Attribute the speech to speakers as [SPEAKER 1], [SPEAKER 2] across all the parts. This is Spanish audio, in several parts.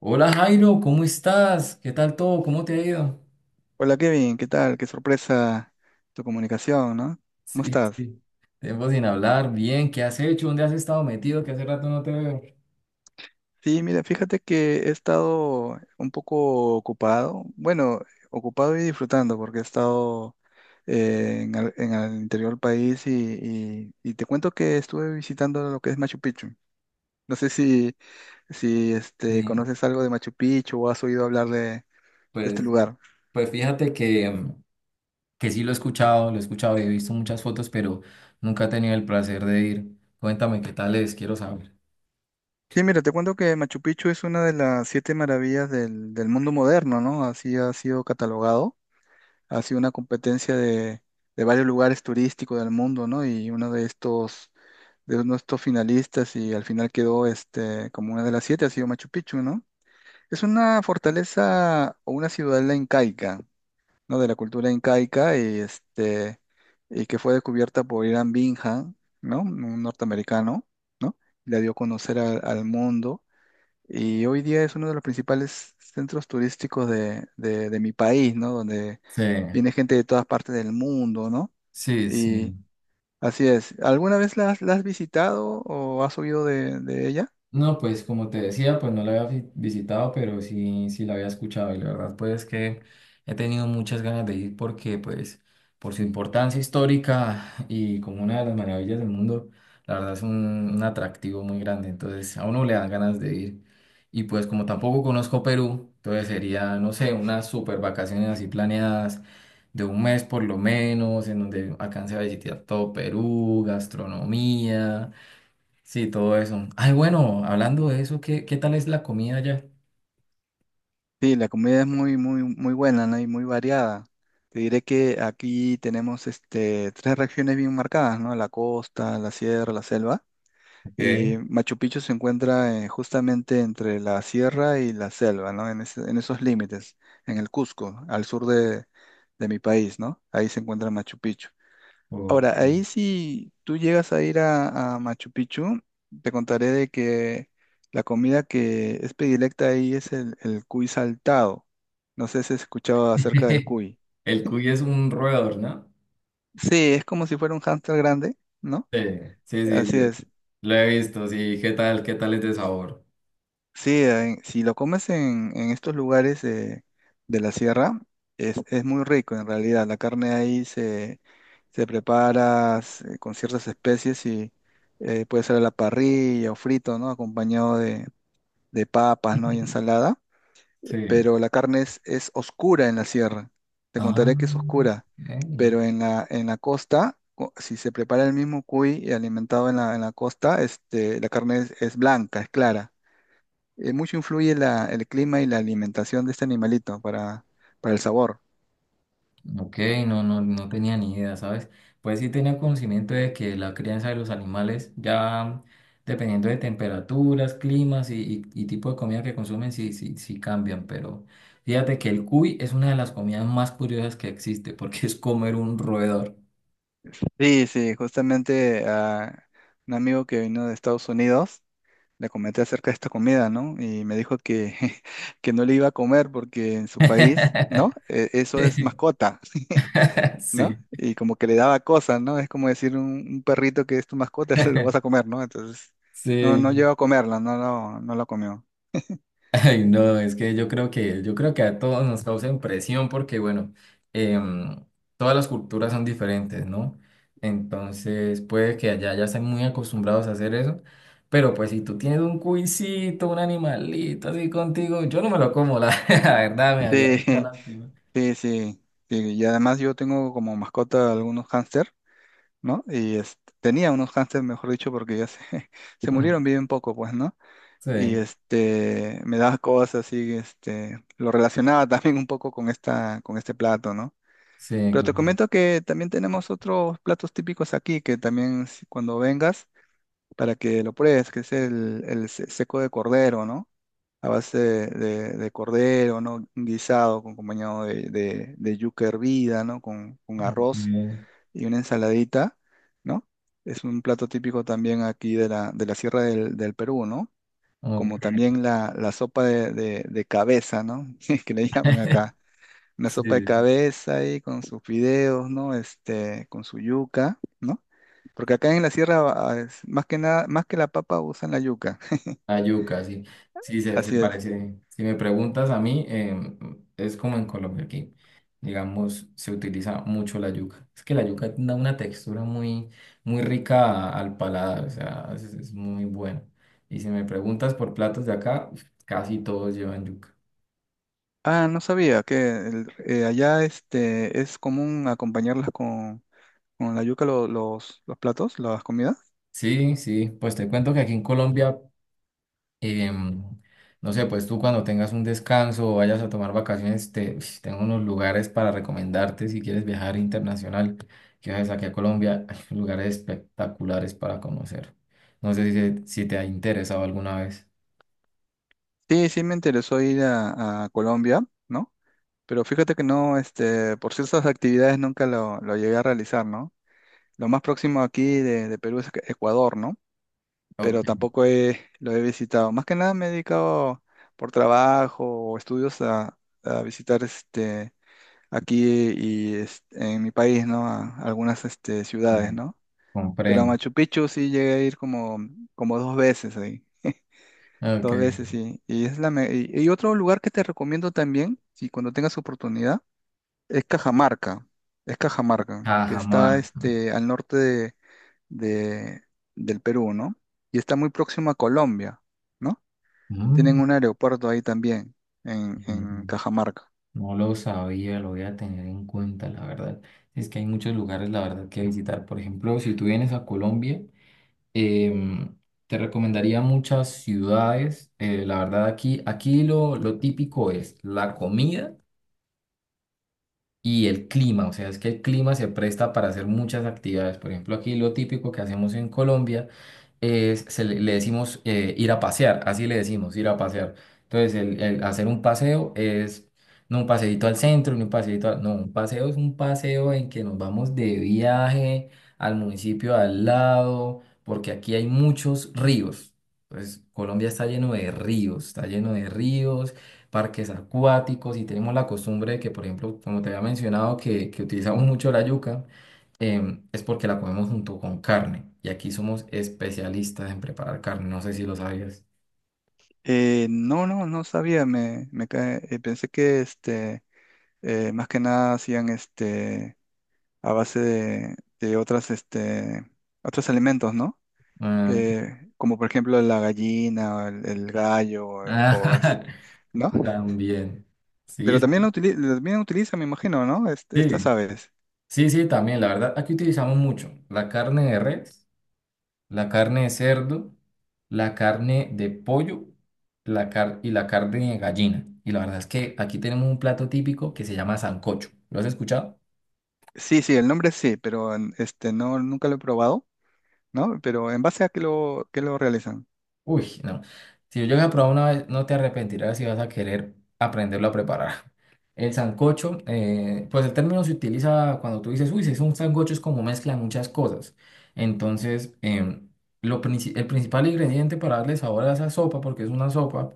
[SPEAKER 1] Hola Jairo, ¿cómo estás? ¿Qué tal todo? ¿Cómo te ha ido?
[SPEAKER 2] Hola Kevin, ¿qué tal? Qué sorpresa tu comunicación, ¿no? ¿Cómo
[SPEAKER 1] Sí,
[SPEAKER 2] estás?
[SPEAKER 1] sí. Tiempo sin hablar, bien, ¿qué has hecho? ¿Dónde has estado metido? Que hace rato no te veo.
[SPEAKER 2] Sí, mira, fíjate que he estado un poco ocupado, bueno, ocupado y disfrutando porque he estado en el interior del país y te cuento que estuve visitando lo que es Machu Picchu. No sé si, si este,
[SPEAKER 1] Sí,
[SPEAKER 2] ¿Conoces algo de Machu Picchu o has oído hablar de este
[SPEAKER 1] pues,
[SPEAKER 2] lugar?
[SPEAKER 1] pues fíjate que sí lo he escuchado y he visto muchas fotos, pero nunca he tenido el placer de ir. Cuéntame qué tal es, quiero saber.
[SPEAKER 2] Sí, mira, te cuento que Machu Picchu es una de las siete maravillas del mundo moderno, ¿no? Así ha sido catalogado, ha sido una competencia de varios lugares turísticos del mundo, ¿no? Y uno de estos, de uno de estos finalistas, y al final quedó este, como una de las siete, ha sido Machu Picchu, ¿no? Es una fortaleza o una ciudadela incaica, ¿no? De la cultura incaica y, este, y que fue descubierta por Irán Bingham, ¿no? Un norteamericano, ¿no? La dio a conocer al mundo, y hoy día es uno de los principales centros turísticos de mi país, ¿no? Donde
[SPEAKER 1] Sí,
[SPEAKER 2] viene gente de todas partes del mundo, ¿no?
[SPEAKER 1] sí, sí.
[SPEAKER 2] Y así es. ¿Alguna vez la has visitado o has oído de ella?
[SPEAKER 1] No, pues como te decía, pues no la había visitado, pero sí, sí la había escuchado y la verdad pues que he tenido muchas ganas de ir porque pues por su importancia histórica y como una de las maravillas del mundo, la verdad es un atractivo muy grande, entonces a uno le dan ganas de ir y pues como tampoco conozco Perú, entonces sería, no sé, unas super vacaciones así planeadas de un mes por lo menos, en donde alcance a visitar todo Perú, gastronomía. Sí, todo eso. Ay, bueno, hablando de eso, ¿qué tal es la comida allá?
[SPEAKER 2] Sí, la comida es muy, muy, muy buena, ¿no? Y muy variada. Te diré que aquí tenemos este, tres regiones bien marcadas, ¿no? La costa, la sierra, la selva.
[SPEAKER 1] Ok,
[SPEAKER 2] Y Machu Picchu se encuentra justamente entre la sierra y la selva, ¿no? En esos límites, en el Cusco, al sur de mi país, ¿no? Ahí se encuentra Machu Picchu.
[SPEAKER 1] ok.
[SPEAKER 2] Ahora, ahí si tú llegas a ir a Machu Picchu, te contaré de que la comida que es predilecta ahí es el cuy saltado. No sé si has escuchado acerca del cuy.
[SPEAKER 1] El cuy es un roedor, ¿no?
[SPEAKER 2] Sí, es como si fuera un hámster grande, ¿no?
[SPEAKER 1] Sí, sí, sí,
[SPEAKER 2] Así
[SPEAKER 1] yo
[SPEAKER 2] es.
[SPEAKER 1] lo he visto, sí. ¿Qué tal es de sabor?
[SPEAKER 2] Sí, si lo comes en estos lugares de la sierra, es muy rico en realidad. La carne ahí se, se prepara con ciertas especies y puede ser a la parrilla o frito, ¿no? Acompañado de papas, ¿no? Y ensalada.
[SPEAKER 1] Sí.
[SPEAKER 2] Pero la carne es oscura en la sierra. Te
[SPEAKER 1] Ah,
[SPEAKER 2] contaré que es oscura.
[SPEAKER 1] ok.
[SPEAKER 2] Pero en la costa, si se prepara el mismo cuy y alimentado en la costa, este, la carne es blanca, es clara, mucho influye el clima y la alimentación de este animalito para el sabor.
[SPEAKER 1] Ok, no, no, no tenía ni idea, ¿sabes? Pues sí tenía conocimiento de que la crianza de los animales, ya dependiendo de temperaturas, climas y tipo de comida que consumen, sí, sí, sí cambian, pero fíjate que el cuy es una de las comidas más curiosas que existe, porque es comer un roedor.
[SPEAKER 2] Sí, sí, justamente a un amigo que vino de Estados Unidos le comenté acerca de esta comida, ¿no? Y me dijo que, que no le iba a comer porque en su país, ¿no? Eso es mascota, ¿no?
[SPEAKER 1] Sí,
[SPEAKER 2] Y como que le daba cosas, ¿no? Es como decir un perrito que es tu mascota, se lo vas a comer, ¿no? Entonces, no, no
[SPEAKER 1] sí.
[SPEAKER 2] llegó a comerla, no, no, no la comió.
[SPEAKER 1] Ay, no, es que yo creo que a todos nos causa impresión porque, bueno, em, todas las culturas son diferentes, ¿no? Entonces, puede que allá ya estén muy acostumbrados a hacer eso, pero pues si tú tienes un cuisito, un animalito así contigo, yo no me lo como, la, la verdad, me haría
[SPEAKER 2] Sí,
[SPEAKER 1] mucha lástima.
[SPEAKER 2] sí, sí, sí, y además yo tengo como mascota algunos hámster, ¿no? Tenía unos hámster, mejor dicho, porque ya se, se murieron bien poco, pues, ¿no?
[SPEAKER 1] Sí,
[SPEAKER 2] Y este, me daba cosas así, este, lo relacionaba también un poco con esta, con este plato, ¿no?
[SPEAKER 1] sí,
[SPEAKER 2] Pero te
[SPEAKER 1] claro.
[SPEAKER 2] comento que también tenemos otros platos típicos aquí, que también cuando vengas, para que lo pruebes, que es seco de cordero, ¿no? A base de cordero, ¿no? Un guisado con acompañado de yuca hervida, ¿no? Con
[SPEAKER 1] Ok,
[SPEAKER 2] arroz y una ensaladita, ¿no? Es un plato típico también aquí de la Sierra del Perú, ¿no? Como
[SPEAKER 1] ok,
[SPEAKER 2] también la sopa de cabeza, ¿no? Que le llaman acá. Una sopa de
[SPEAKER 1] sí.
[SPEAKER 2] cabeza ahí con sus fideos, ¿no? Este, con su yuca, ¿no? Porque acá en la sierra, ah, más que nada, más que la papa usan la yuca.
[SPEAKER 1] La yuca, sí. Sí, se
[SPEAKER 2] Así es.
[SPEAKER 1] parece. Si me preguntas a mí, es como en Colombia aquí. Digamos, se utiliza mucho la yuca. Es que la yuca da una textura muy, muy rica al paladar, o sea, es muy buena. Y si me preguntas por platos de acá, uf, casi todos llevan yuca.
[SPEAKER 2] Ah, no sabía que allá este, es común acompañarlas con la yuca los platos, las comidas.
[SPEAKER 1] Sí, sí, pues te cuento que aquí en Colombia, em, no sé, pues tú cuando tengas un descanso o vayas a tomar vacaciones, tengo unos lugares para recomendarte si quieres viajar internacional, que viajes aquí a Colombia, hay lugares espectaculares para conocer. No sé si te ha interesado alguna vez.
[SPEAKER 2] Sí, sí me interesó ir a Colombia, ¿no? Pero fíjate que no, este, por ciertas actividades nunca lo llegué a realizar, ¿no? Lo más próximo aquí de Perú es Ecuador, ¿no?
[SPEAKER 1] Ok,
[SPEAKER 2] Pero tampoco lo he visitado. Más que nada me he dedicado por trabajo o estudios a visitar este, aquí y este, en mi país, ¿no? A algunas este, ciudades, ¿no? Pero a
[SPEAKER 1] comprendo.
[SPEAKER 2] Machu Picchu sí llegué a ir como, como dos veces ahí.
[SPEAKER 1] Ok,
[SPEAKER 2] Dos veces, sí. Y es y otro lugar que te recomiendo también, si cuando tengas oportunidad, es Cajamarca. Es Cajamarca, que está
[SPEAKER 1] Cajamarca.
[SPEAKER 2] este, al norte de- del Perú, ¿no? Y está muy próximo a Colombia, ¿no? Tienen
[SPEAKER 1] Mm,
[SPEAKER 2] un aeropuerto ahí también, en Cajamarca.
[SPEAKER 1] No lo sabía, lo voy a tener en cuenta, la verdad. Es que hay muchos lugares, la verdad, que visitar. Por ejemplo, si tú vienes a Colombia, Em, te recomendaría muchas ciudades. La verdad, aquí lo típico es la comida y el clima, o sea, es que el clima se presta para hacer muchas actividades. Por ejemplo, aquí lo típico que hacemos en Colombia se le decimos, ir a pasear, así le decimos, ir a pasear. Entonces, el hacer un paseo es no un paseíto al centro, ni un paseíto, no, un paseo es un paseo en que nos vamos de viaje al municipio al lado, porque aquí hay muchos ríos. Entonces, Colombia está lleno de ríos, está lleno de ríos, parques acuáticos, y tenemos la costumbre de que, por ejemplo, como te había mencionado, que utilizamos mucho la yuca, es porque la comemos junto con carne. Y aquí somos especialistas en preparar carne, no sé si lo sabías.
[SPEAKER 2] No, no, no sabía, pensé que este, más que nada hacían este a base de otras, este, otros alimentos, ¿no?
[SPEAKER 1] Ah, ok.
[SPEAKER 2] Como por ejemplo la gallina, el gallo,
[SPEAKER 1] Ah,
[SPEAKER 2] ¿no?
[SPEAKER 1] también.
[SPEAKER 2] Pero
[SPEAKER 1] Sí, sí,
[SPEAKER 2] también también utilizan, me imagino, ¿no? Estas
[SPEAKER 1] sí,
[SPEAKER 2] aves.
[SPEAKER 1] sí, sí, también. La verdad, aquí utilizamos mucho la carne de res, la carne de cerdo, la carne de pollo, y la carne de gallina. Y la verdad es que aquí tenemos un plato típico que se llama sancocho. ¿Lo has escuchado?
[SPEAKER 2] Sí, sí, el nombre sí, pero este, no, nunca lo he probado, ¿no? Pero ¿en base a qué qué lo realizan?
[SPEAKER 1] Uy, no. Si yo llego a probar una vez, no te arrepentirás, si vas a querer aprenderlo a preparar. El sancocho, pues el término se utiliza cuando tú dices, uy, si es un sancocho, es como mezcla de muchas cosas. Entonces, el principal ingrediente para darle sabor a esa sopa, porque es una sopa,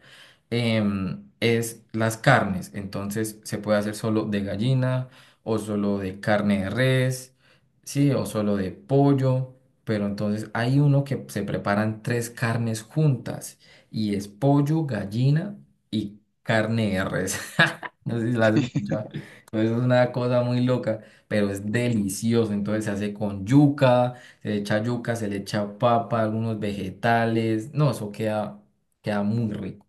[SPEAKER 1] es las carnes. Entonces, se puede hacer solo de gallina, o solo de carne de res, sí, o solo de pollo. Pero entonces hay uno que se preparan tres carnes juntas, y es pollo, gallina y carne de res. No sé si la has escuchado. Entonces es una cosa muy loca, pero es delicioso. Entonces se hace con yuca, se le echa yuca, se le echa papa, algunos vegetales. No, eso queda, muy rico.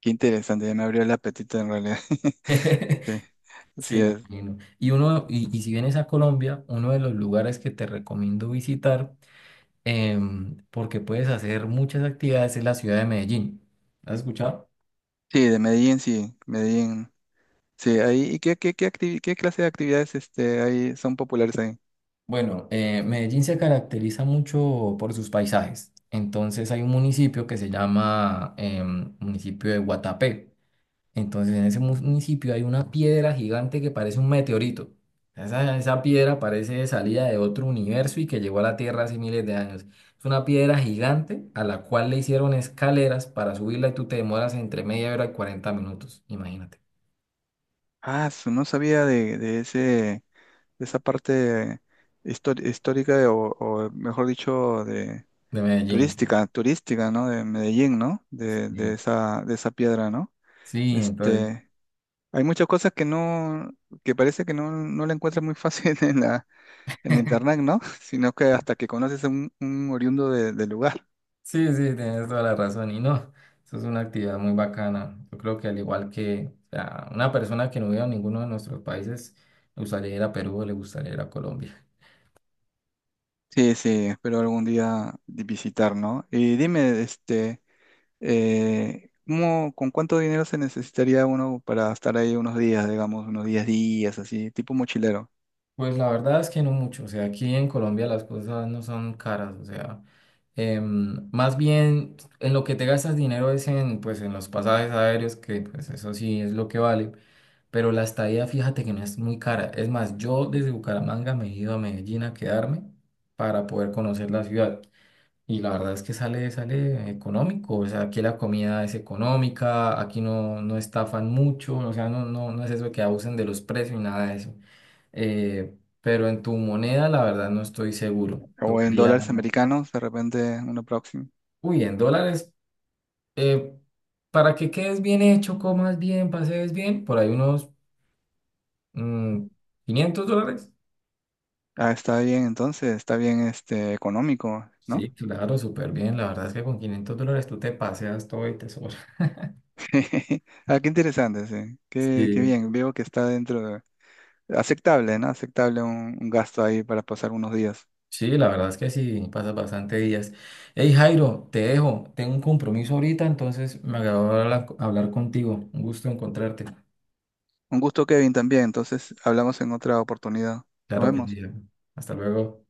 [SPEAKER 2] Qué interesante, ya me abrió el apetito en realidad. Sí, así
[SPEAKER 1] Sí, me
[SPEAKER 2] es.
[SPEAKER 1] Y, imagino. Y uno, y si vienes a Colombia, uno de los lugares que te recomiendo visitar, porque puedes hacer muchas actividades en la ciudad de Medellín. ¿Has escuchado?
[SPEAKER 2] Sí, de Medellín. Sí, ahí, ¿y qué clase de actividades este, ahí son populares ahí?
[SPEAKER 1] Bueno, Medellín se caracteriza mucho por sus paisajes. Entonces hay un municipio que se llama, municipio de Guatapé. Entonces en ese municipio hay una piedra gigante que parece un meteorito. Esa piedra parece de salida de otro universo y que llegó a la Tierra hace miles de años. Es una piedra gigante a la cual le hicieron escaleras para subirla y tú te demoras entre media hora y 40 minutos. Imagínate.
[SPEAKER 2] Ah, no sabía de esa parte histórica o, mejor dicho, de
[SPEAKER 1] De Medellín, sí.
[SPEAKER 2] turística, turística, ¿no? De Medellín, ¿no? De
[SPEAKER 1] Sí,
[SPEAKER 2] esa, de esa piedra, ¿no?
[SPEAKER 1] sí, entonces,
[SPEAKER 2] Este, hay muchas cosas que no, que parece que no, no la encuentras muy fácil en la internet, ¿no? Sino que hasta que conoces a un oriundo del lugar.
[SPEAKER 1] sí, sí, tienes toda la razón. Y no, eso es una actividad muy bacana. Yo creo que, al igual que, o sea, una persona que no viva en ninguno de nuestros países, le gustaría ir a Perú, le gustaría ir a Colombia.
[SPEAKER 2] Sí, sí, espero algún día visitar, ¿no? Y dime, este. ¿Con cuánto dinero se necesitaría uno para estar ahí unos días, digamos, unos 10 días, así, tipo mochilero?
[SPEAKER 1] Pues la verdad es que no mucho, o sea, aquí en Colombia las cosas no son caras, o sea, más bien en lo que te gastas dinero es en, pues, en los pasajes aéreos, que pues eso sí es lo que vale, pero la estadía fíjate que no es muy cara, es más, yo desde Bucaramanga me he ido a Medellín a quedarme para poder conocer la ciudad. Y la verdad es que sale económico, o sea, aquí la comida es económica, aquí no estafan mucho, o sea, no es eso de que abusen de los precios y nada de eso. Pero en tu moneda, la verdad, no estoy seguro.
[SPEAKER 2] O en
[SPEAKER 1] Tocaría,
[SPEAKER 2] dólares americanos, de repente, uno próximo.
[SPEAKER 1] uy, en dólares, eh, para que quedes bien hecho, comas bien, pasees bien, por ahí unos, mm, $500.
[SPEAKER 2] Ah, está bien, entonces, está bien este, económico, ¿no?
[SPEAKER 1] Sí, claro, súper bien. La verdad es que con $500 tú te paseas todo y te sobra.
[SPEAKER 2] Ah, qué interesante, sí. Qué, qué
[SPEAKER 1] Sí.
[SPEAKER 2] bien, veo que está dentro de... Aceptable, ¿no? Aceptable un gasto ahí para pasar unos días.
[SPEAKER 1] Sí, la verdad es que sí, pasa bastante días. Hey Jairo, te dejo, tengo un compromiso ahorita, entonces me agradó hablar, contigo. Un gusto encontrarte.
[SPEAKER 2] Un gusto, Kevin, también. Entonces, hablamos en otra oportunidad. Nos
[SPEAKER 1] Claro que sí.
[SPEAKER 2] vemos.
[SPEAKER 1] Hasta luego.